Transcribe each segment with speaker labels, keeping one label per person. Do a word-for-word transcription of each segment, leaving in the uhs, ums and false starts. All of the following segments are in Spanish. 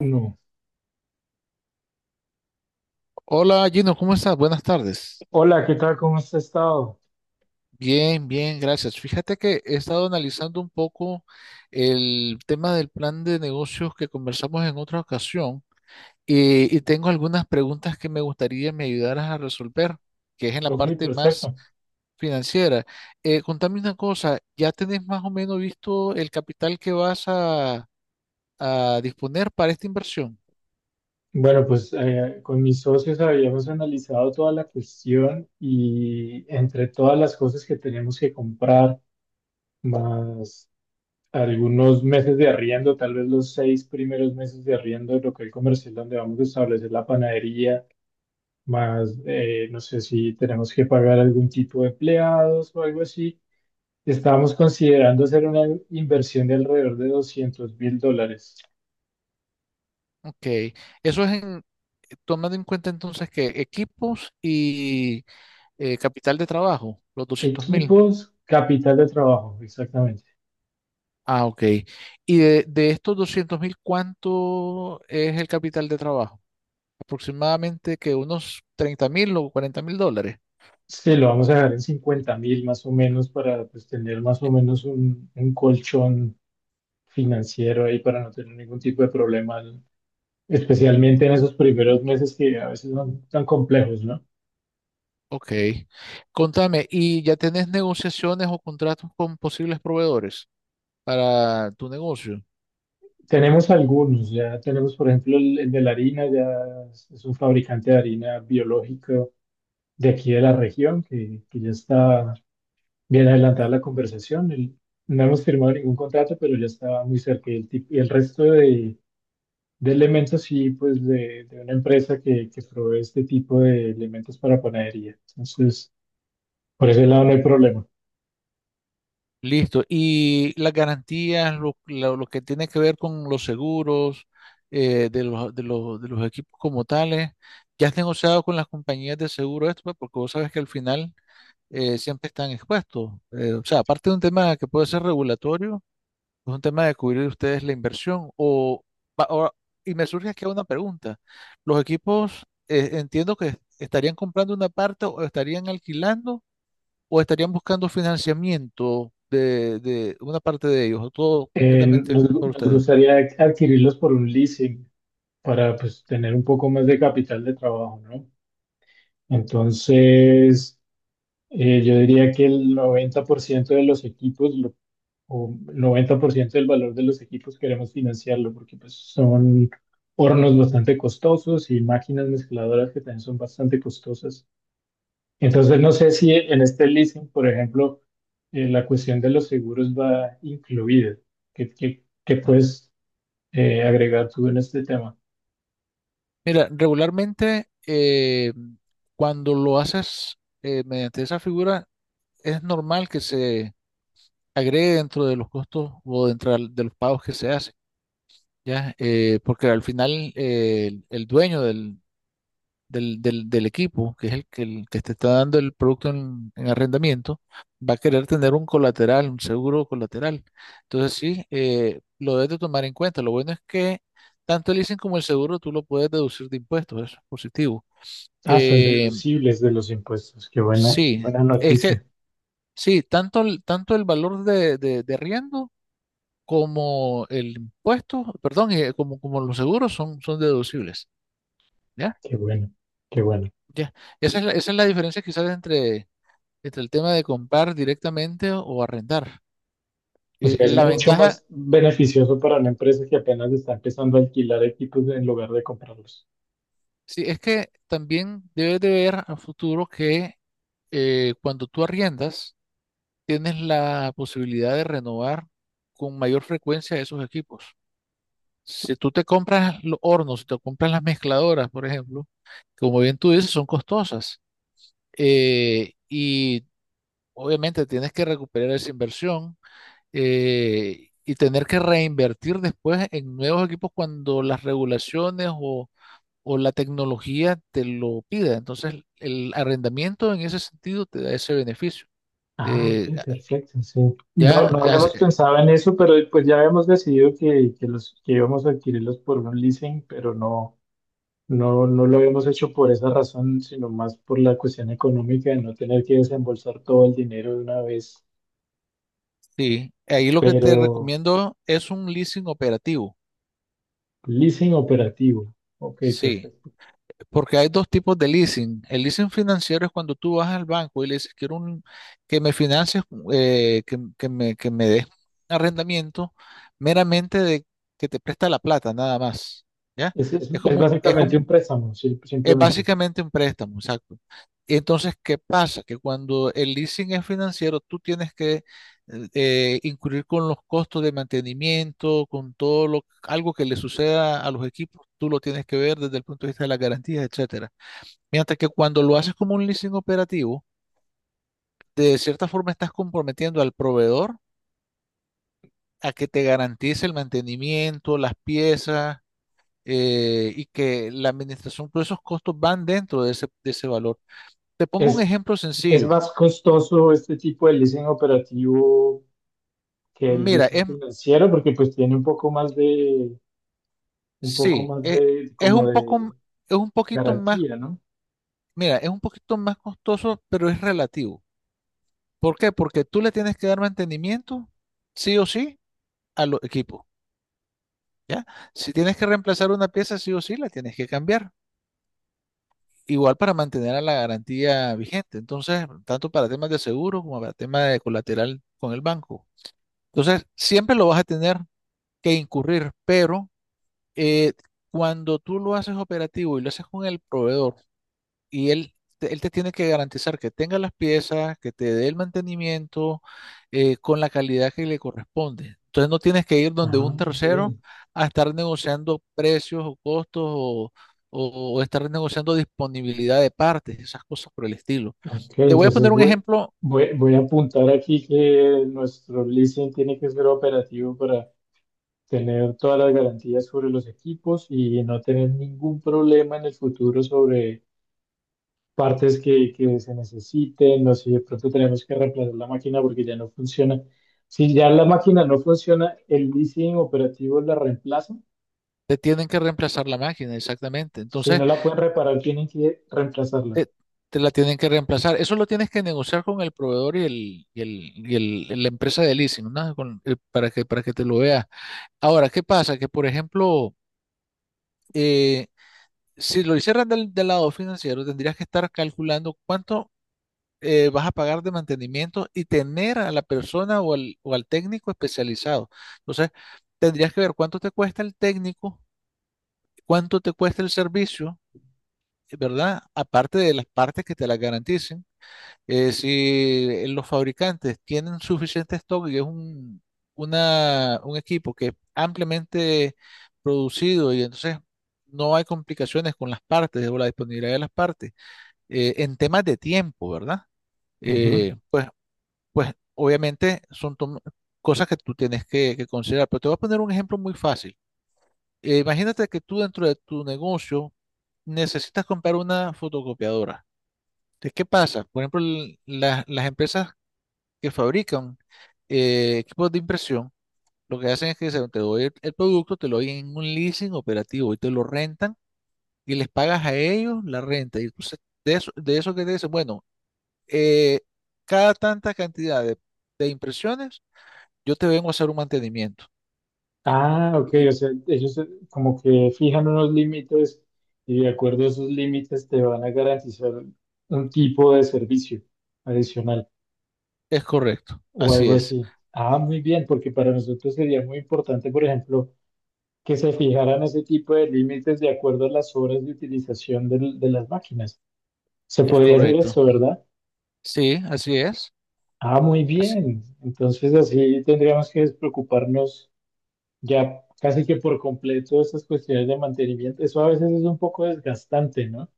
Speaker 1: No.
Speaker 2: Hola Gino, ¿cómo estás? Buenas tardes.
Speaker 1: Hola, ¿qué tal? ¿Cómo has estado?
Speaker 2: Bien, bien, gracias. Fíjate que he estado analizando un poco el tema del plan de negocios que conversamos en otra ocasión eh, y, tengo algunas preguntas que me gustaría me ayudaras a resolver, que es en la
Speaker 1: Ok,
Speaker 2: parte más
Speaker 1: perfecto.
Speaker 2: financiera. Eh, contame una cosa, ¿ya tenés más o menos visto el capital que vas a, a disponer para esta inversión?
Speaker 1: Bueno, pues eh, con mis socios habíamos analizado toda la cuestión y entre todas las cosas que tenemos que comprar, más algunos meses de arriendo, tal vez los seis primeros meses de arriendo del local comercial donde vamos a establecer la panadería, más eh, no sé si tenemos que pagar algún tipo de empleados o algo así, estábamos considerando hacer una inversión de alrededor de doscientos mil dólares.
Speaker 2: Ok, eso es en- tomando en cuenta entonces que equipos y eh, capital de trabajo, los doscientos mil.
Speaker 1: Equipos, capital de trabajo, exactamente.
Speaker 2: Ah, ok. Y de, de estos doscientos mil, ¿cuánto es el capital de trabajo? Aproximadamente que unos treinta mil o cuarenta mil dólares.
Speaker 1: Sí, lo vamos a dejar en cincuenta mil más o menos para, pues, tener más o menos un, un colchón financiero ahí para no tener ningún tipo de problema, ¿no? Especialmente en esos primeros meses que a veces son tan complejos, ¿no?
Speaker 2: Ok. Contame, ¿y ya tenés negociaciones o contratos con posibles proveedores para tu negocio?
Speaker 1: Tenemos algunos, ya tenemos por ejemplo el, el de la harina, ya es es un fabricante de harina biológico de aquí de la región que, que ya está bien adelantada la conversación. El- no hemos firmado ningún contrato, pero ya estaba muy cerca. Y el, tip- y el resto de, de elementos, sí, pues de, de una empresa que, que provee este tipo de elementos para panadería. Entonces, por ese lado no hay problema.
Speaker 2: Listo. Y las garantías, lo, lo- lo que tiene que ver con los seguros eh, de los, de los, de los equipos como tales, ya has negociado con las compañías de seguro esto, pues, porque vos sabes que al final eh, siempre están expuestos. Eh, o sea, aparte de un tema que puede ser regulatorio, es un tema de cubrir ustedes la inversión. O, va- ahora- y me surge aquí una pregunta. Los equipos, eh, entiendo que estarían comprando una parte o estarían alquilando o estarían buscando financiamiento de, de una parte de ellos, o todo
Speaker 1: Eh,
Speaker 2: completamente
Speaker 1: nos,
Speaker 2: por
Speaker 1: nos
Speaker 2: ustedes.
Speaker 1: gustaría adquirirlos por un leasing para, pues, tener un poco más de capital de trabajo, ¿no? Entonces, eh, yo diría que el noventa por ciento de los equipos o noventa por ciento del valor de los equipos queremos financiarlo porque, pues, son hornos bastante costosos y máquinas mezcladoras que también son bastante costosas. Entonces, no sé si en este leasing, por ejemplo, eh, la cuestión de los seguros va incluida. ¿Qué, qué- qué puedes eh, agregar tú en este tema?
Speaker 2: Mira, regularmente eh, cuando lo haces eh, mediante esa figura, es normal que se agregue dentro de los costos o dentro al- de los pagos que se hacen, ¿ya? Eh, porque al final eh, el, el dueño del, del, del, del equipo, que es el que, el que te está dando el producto en, en arrendamiento, va a querer tener un colateral, un seguro colateral. Entonces sí, eh, lo debes de tomar en cuenta. Lo bueno es que tanto el leasing como el seguro tú lo puedes deducir de impuestos, eso es positivo.
Speaker 1: Ah, son
Speaker 2: Eh,
Speaker 1: deducibles de los impuestos. Qué buena, qué
Speaker 2: sí,
Speaker 1: buena
Speaker 2: es que
Speaker 1: noticia.
Speaker 2: sí, tanto el, tanto el valor de, de, de arriendo como el impuesto, perdón, eh, como, como los seguros son, son deducibles. ¿Ya?
Speaker 1: Qué bueno, qué bueno.
Speaker 2: Ya. Esa es la, esa es la diferencia quizás entre, este, el tema de comprar directamente o, o arrendar.
Speaker 1: O
Speaker 2: Eh,
Speaker 1: sea, es
Speaker 2: la
Speaker 1: mucho
Speaker 2: ventaja,
Speaker 1: más beneficioso para una empresa que apenas está empezando a alquilar equipos en lugar de comprarlos.
Speaker 2: sí, es que también debes de ver a futuro que eh, cuando tú arriendas, tienes la posibilidad de renovar con mayor frecuencia esos equipos. Si tú te compras los hornos, si te compras las mezcladoras, por ejemplo, como bien tú dices, son costosas. eh, y obviamente tienes que recuperar esa inversión eh, y tener que reinvertir después en nuevos equipos cuando las regulaciones o, o la tecnología te lo pida. Entonces, el arrendamiento en ese sentido te da ese beneficio.
Speaker 1: Ah,
Speaker 2: Eh,
Speaker 1: ok, perfecto, sí.
Speaker 2: ya,
Speaker 1: No, no
Speaker 2: as-
Speaker 1: habíamos pensado en eso, pero pues ya habíamos decidido que, que los que íbamos a adquirirlos por un leasing, pero no, no, no lo habíamos hecho por esa razón, sino más por la cuestión económica de no tener que desembolsar todo el dinero de una vez.
Speaker 2: sí, ahí lo que te
Speaker 1: Pero
Speaker 2: recomiendo es un leasing operativo.
Speaker 1: leasing operativo. Ok,
Speaker 2: Sí,
Speaker 1: perfecto.
Speaker 2: Porque hay dos tipos de leasing. El leasing financiero es cuando tú vas al banco y le dices, quiero un, que me financies, eh, que, que me, que me des arrendamiento meramente de que te presta la plata, nada más. ¿Ya?
Speaker 1: Es, es,
Speaker 2: Es
Speaker 1: es
Speaker 2: como, es
Speaker 1: básicamente
Speaker 2: como,
Speaker 1: un préstamo, sí,
Speaker 2: es
Speaker 1: simplemente.
Speaker 2: básicamente un préstamo, exacto. Entonces, ¿qué pasa? Que cuando el leasing es financiero, tú tienes que eh, incurrir con los costos de mantenimiento, con todo lo, algo que le suceda a los equipos, tú lo tienes que ver desde el punto de vista de las garantías, etcétera. Mientras que cuando lo haces como un leasing operativo, de cierta forma estás comprometiendo al proveedor a que te garantice el mantenimiento, las piezas eh, y que la administración, todos esos costos van dentro de ese, de ese valor. Te pongo un
Speaker 1: Es,
Speaker 2: ejemplo
Speaker 1: es
Speaker 2: sencillo.
Speaker 1: más costoso este tipo de leasing operativo que el
Speaker 2: Mira,
Speaker 1: leasing
Speaker 2: es,
Speaker 1: financiero porque, pues, tiene un poco más de, un poco
Speaker 2: sí,
Speaker 1: más
Speaker 2: es,
Speaker 1: de,
Speaker 2: es
Speaker 1: como
Speaker 2: un poco, m-
Speaker 1: de
Speaker 2: es un poquito más,
Speaker 1: garantía, ¿no?
Speaker 2: mira, es un poquito más costoso, pero es relativo. ¿Por qué? Porque tú le tienes que dar mantenimiento, sí o sí, a los equipos. ¿ya? Si tienes que reemplazar una pieza, sí o sí, la tienes que cambiar. Igual para mantener a la garantía vigente. Entonces, tanto para temas de seguro como para temas de colateral con el banco. Entonces, siempre lo vas a tener que incurrir, pero eh, cuando tú lo haces operativo y lo haces con el proveedor, y él, te- él te tiene que garantizar que tenga las piezas, que te dé el mantenimiento eh, con la calidad que le corresponde. Entonces no tienes que ir donde
Speaker 1: Ah,
Speaker 2: un
Speaker 1: muy
Speaker 2: tercero
Speaker 1: bien.
Speaker 2: a estar negociando precios o costos o, o- o estar negociando disponibilidad de partes, esas cosas por el estilo.
Speaker 1: Ok,
Speaker 2: Te voy a
Speaker 1: entonces
Speaker 2: poner un
Speaker 1: voy,
Speaker 2: ejemplo,
Speaker 1: voy, voy a apuntar aquí que nuestro leasing tiene que ser operativo para tener todas las garantías sobre los equipos y no tener ningún problema en el futuro partes que, que se necesiten, no sé, de pronto tenemos que reemplazar la máquina porque ya no funciona. Si ya la máquina no funciona, el leasing operativo la reemplaza.
Speaker 2: te tienen que reemplazar la máquina, exactamente.
Speaker 1: Si
Speaker 2: Entonces,
Speaker 1: no la pueden reparar, tienen que reemplazarla.
Speaker 2: te, te la tienen que reemplazar. Eso lo tienes que negociar con el proveedor y, el, y, el, y el- la empresa de leasing, ¿no? Con- eh, para que, para que te lo veas. Ahora, ¿qué pasa? Que, por ejemplo, eh, si lo hicieras del, del lado financiero, tendrías que estar calculando cuánto eh, vas a pagar de mantenimiento y tener a la persona o al, o al técnico especializado. Entonces, tendrías que ver cuánto te cuesta el técnico, cuánto te cuesta el servicio, ¿verdad? Aparte de las partes que te las garanticen. Eh, si eh, los fabricantes tienen suficiente stock y es un, una- un equipo que es ampliamente producido y entonces no hay complicaciones con las partes o la disponibilidad de las partes, eh, en temas de tiempo, ¿verdad?
Speaker 1: Ujú.
Speaker 2: Eh, pues, pues obviamente son tom- cosas que tú tienes que, que considerar, pero te voy a poner un ejemplo muy fácil. Eh, imagínate que tú dentro de tu negocio necesitas comprar una fotocopiadora. Entonces, ¿qué pasa? Por ejemplo, l- las las empresas que fabrican eh, equipos de impresión, lo que hacen es que se, te doy el, el producto, te lo doy en un leasing operativo y te lo rentan y les pagas a ellos la renta. Y entonces, de eso, de eso que te dicen, bueno, eh, cada tanta cantidad de, de impresiones, yo te vengo a hacer un mantenimiento.
Speaker 1: Ah, ok, o
Speaker 2: Y
Speaker 1: sea, ellos eh, como que fijan unos límites y de acuerdo a esos límites te van a garantizar un tipo de servicio adicional
Speaker 2: es correcto,
Speaker 1: o
Speaker 2: así
Speaker 1: algo
Speaker 2: es,
Speaker 1: así. Ah, muy bien, porque para nosotros sería muy importante, por ejemplo, que se fijaran ese tipo de límites de acuerdo a las horas de utilización del- de, las máquinas. Se
Speaker 2: es
Speaker 1: podría hacer
Speaker 2: correcto.
Speaker 1: eso, ¿verdad?
Speaker 2: Sí, así es.
Speaker 1: Ah, muy
Speaker 2: así-
Speaker 1: bien. Entonces así tendríamos que despreocuparnos ya casi que por completo de estas cuestiones de mantenimiento. Eso a veces es un poco desgastante, ¿no?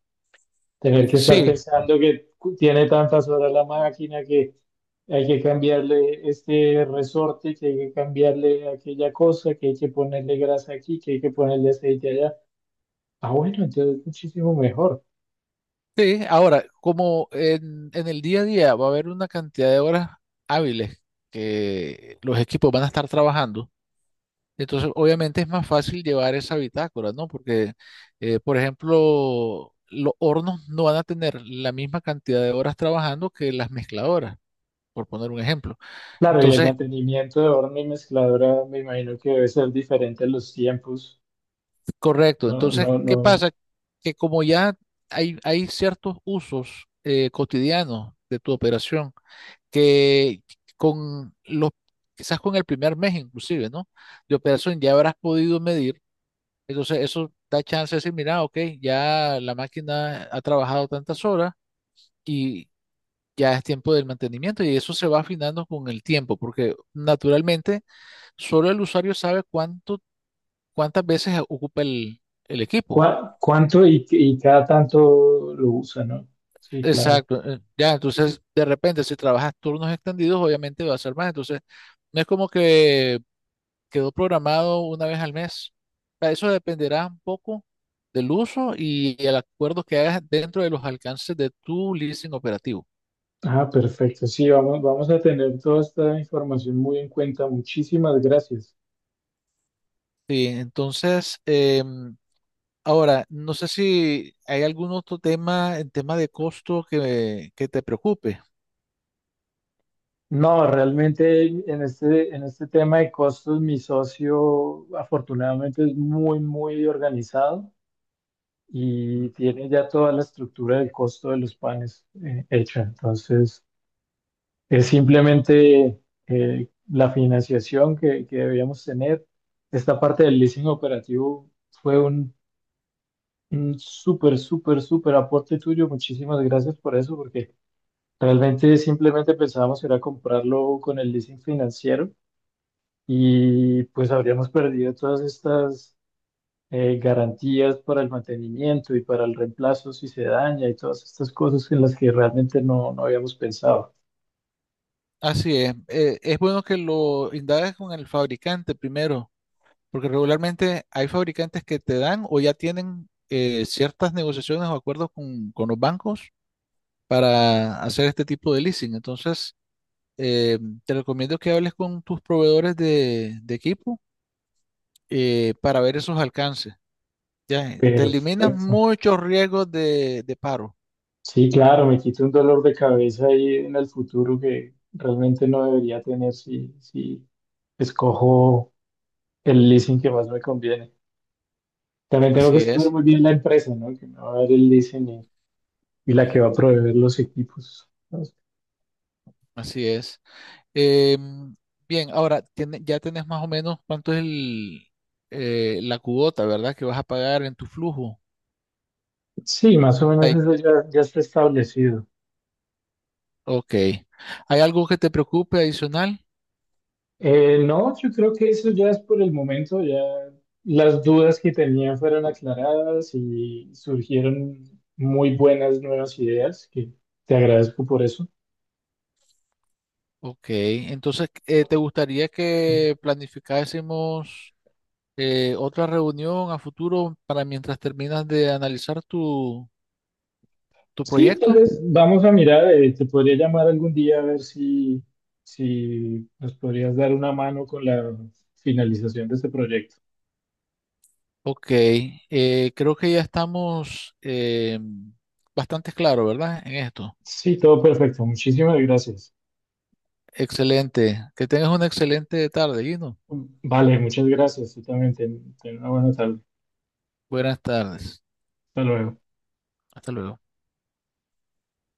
Speaker 1: Tener que estar
Speaker 2: sí,
Speaker 1: pensando que cu- tiene tantas horas la máquina que hay que cambiarle este resorte, que hay que cambiarle aquella cosa, que hay que ponerle grasa aquí, que hay que ponerle aceite allá. Ah, bueno, entonces es muchísimo mejor.
Speaker 2: Sí, ahora, como en, en el día a día va a haber una cantidad de horas hábiles que los equipos van a estar trabajando, entonces obviamente es más fácil llevar esa bitácora, ¿no? Porque, eh, por ejemplo, los hornos no van a tener la misma cantidad de horas trabajando que las mezcladoras, por poner un ejemplo.
Speaker 1: Claro, y el
Speaker 2: Entonces,
Speaker 1: mantenimiento de horno y mezcladora me imagino que debe ser diferente a los tiempos.
Speaker 2: correcto.
Speaker 1: No,
Speaker 2: Entonces,
Speaker 1: no,
Speaker 2: ¿qué
Speaker 1: no.
Speaker 2: pasa? Que como ya hay, hay ciertos usos eh, cotidianos de tu operación, que con los, quizás con el primer mes inclusive, ¿no? De operación ya habrás podido medir, entonces eso da chance de decir, mira, ok, ya la máquina ha trabajado tantas horas y ya es tiempo del mantenimiento y eso se va afinando con el tiempo, porque naturalmente solo el usuario sabe cuánto, cuántas veces ocupa el, el equipo.
Speaker 1: ¿Cuá- ¿cuánto y, y cada tanto lo usa, ¿no? Sí, claro.
Speaker 2: Exacto, eh, ya, entonces de repente si trabajas turnos extendidos, obviamente va a ser más, entonces no es como que quedó programado una vez al mes. Pa- Eso dependerá un poco del uso y el acuerdo que hagas dentro de los alcances de tu leasing operativo.
Speaker 1: Ah, perfecto. Sí, vamos, vamos a tener toda esta información muy en cuenta. Muchísimas gracias.
Speaker 2: Sí, entonces, em, ahora, no sé si hay algún otro tema en tema de costo que, que te preocupe.
Speaker 1: No, realmente en este, en este tema de costos, mi socio afortunadamente es muy, muy organizado. Y tiene ya toda la estructura del costo de los panes eh, hecha. Entonces, es simplemente eh, la financiación que, que debíamos tener. Esta parte del leasing operativo fue un, un súper, súper, súper aporte tuyo. Muchísimas gracias por eso, porque realmente simplemente pensábamos que era comprarlo con el leasing financiero y pues habríamos perdido todas estas eh, garantías para el mantenimiento y para el reemplazo si se daña y todas estas cosas en las que realmente no, no habíamos pensado.
Speaker 2: Así es, eh, es bueno que lo indagues con el fabricante primero, porque regularmente hay fabricantes que te dan o ya tienen eh, ciertas negociaciones o acuerdos con, con los bancos para hacer este tipo de leasing. Entonces, eh, te recomiendo que hables con tus proveedores de, de equipo eh, para ver esos alcances. Ya, eh, te eliminas
Speaker 1: Perfecto.
Speaker 2: muchos riesgos de, de paro.
Speaker 1: Sí, claro, me quito un dolor de cabeza ahí en el futuro que realmente no debería tener si, si escojo el leasing que más me conviene. También tengo que
Speaker 2: Así
Speaker 1: escoger
Speaker 2: es,
Speaker 1: muy bien la empresa, ¿no? Que me va a dar el leasing y, y la que va a proveer los equipos. Entonces,
Speaker 2: así es. Em, Bien, ahora tiene- ya tenés más o menos cuánto es el, eh, la cuota, ¿verdad? Que vas a pagar en tu flujo.
Speaker 1: sí, más o menos
Speaker 2: Ahí-
Speaker 1: eso ya, ya está establecido.
Speaker 2: ok. ¿Hay algo que te preocupe adicional?
Speaker 1: Eh, no, yo creo que eso ya es por el momento, ya las dudas que tenía fueron aclaradas y surgieron muy buenas nuevas ideas, que te agradezco por eso.
Speaker 2: Ok, entonces, eh, ¿te gustaría que planificásemos? eh, otra reunión a futuro para mientras terminas de analizar tu, tu
Speaker 1: Sí, tal
Speaker 2: proyecto?
Speaker 1: vez vamos a mirar, eh, te podría llamar algún día a ver si, si nos podrías dar una mano con la finalización de este proyecto.
Speaker 2: Ok, eh, creo que ya estamos eh, bastante claros, ¿verdad? En esto.
Speaker 1: Sí, todo perfecto, muchísimas gracias.
Speaker 2: Excelente. Que tengas una excelente tarde, Gino.
Speaker 1: Vale, muchas gracias, tú también, ten, ten una buena tarde.
Speaker 2: Buenas tardes.
Speaker 1: Hasta luego.
Speaker 2: Hasta luego.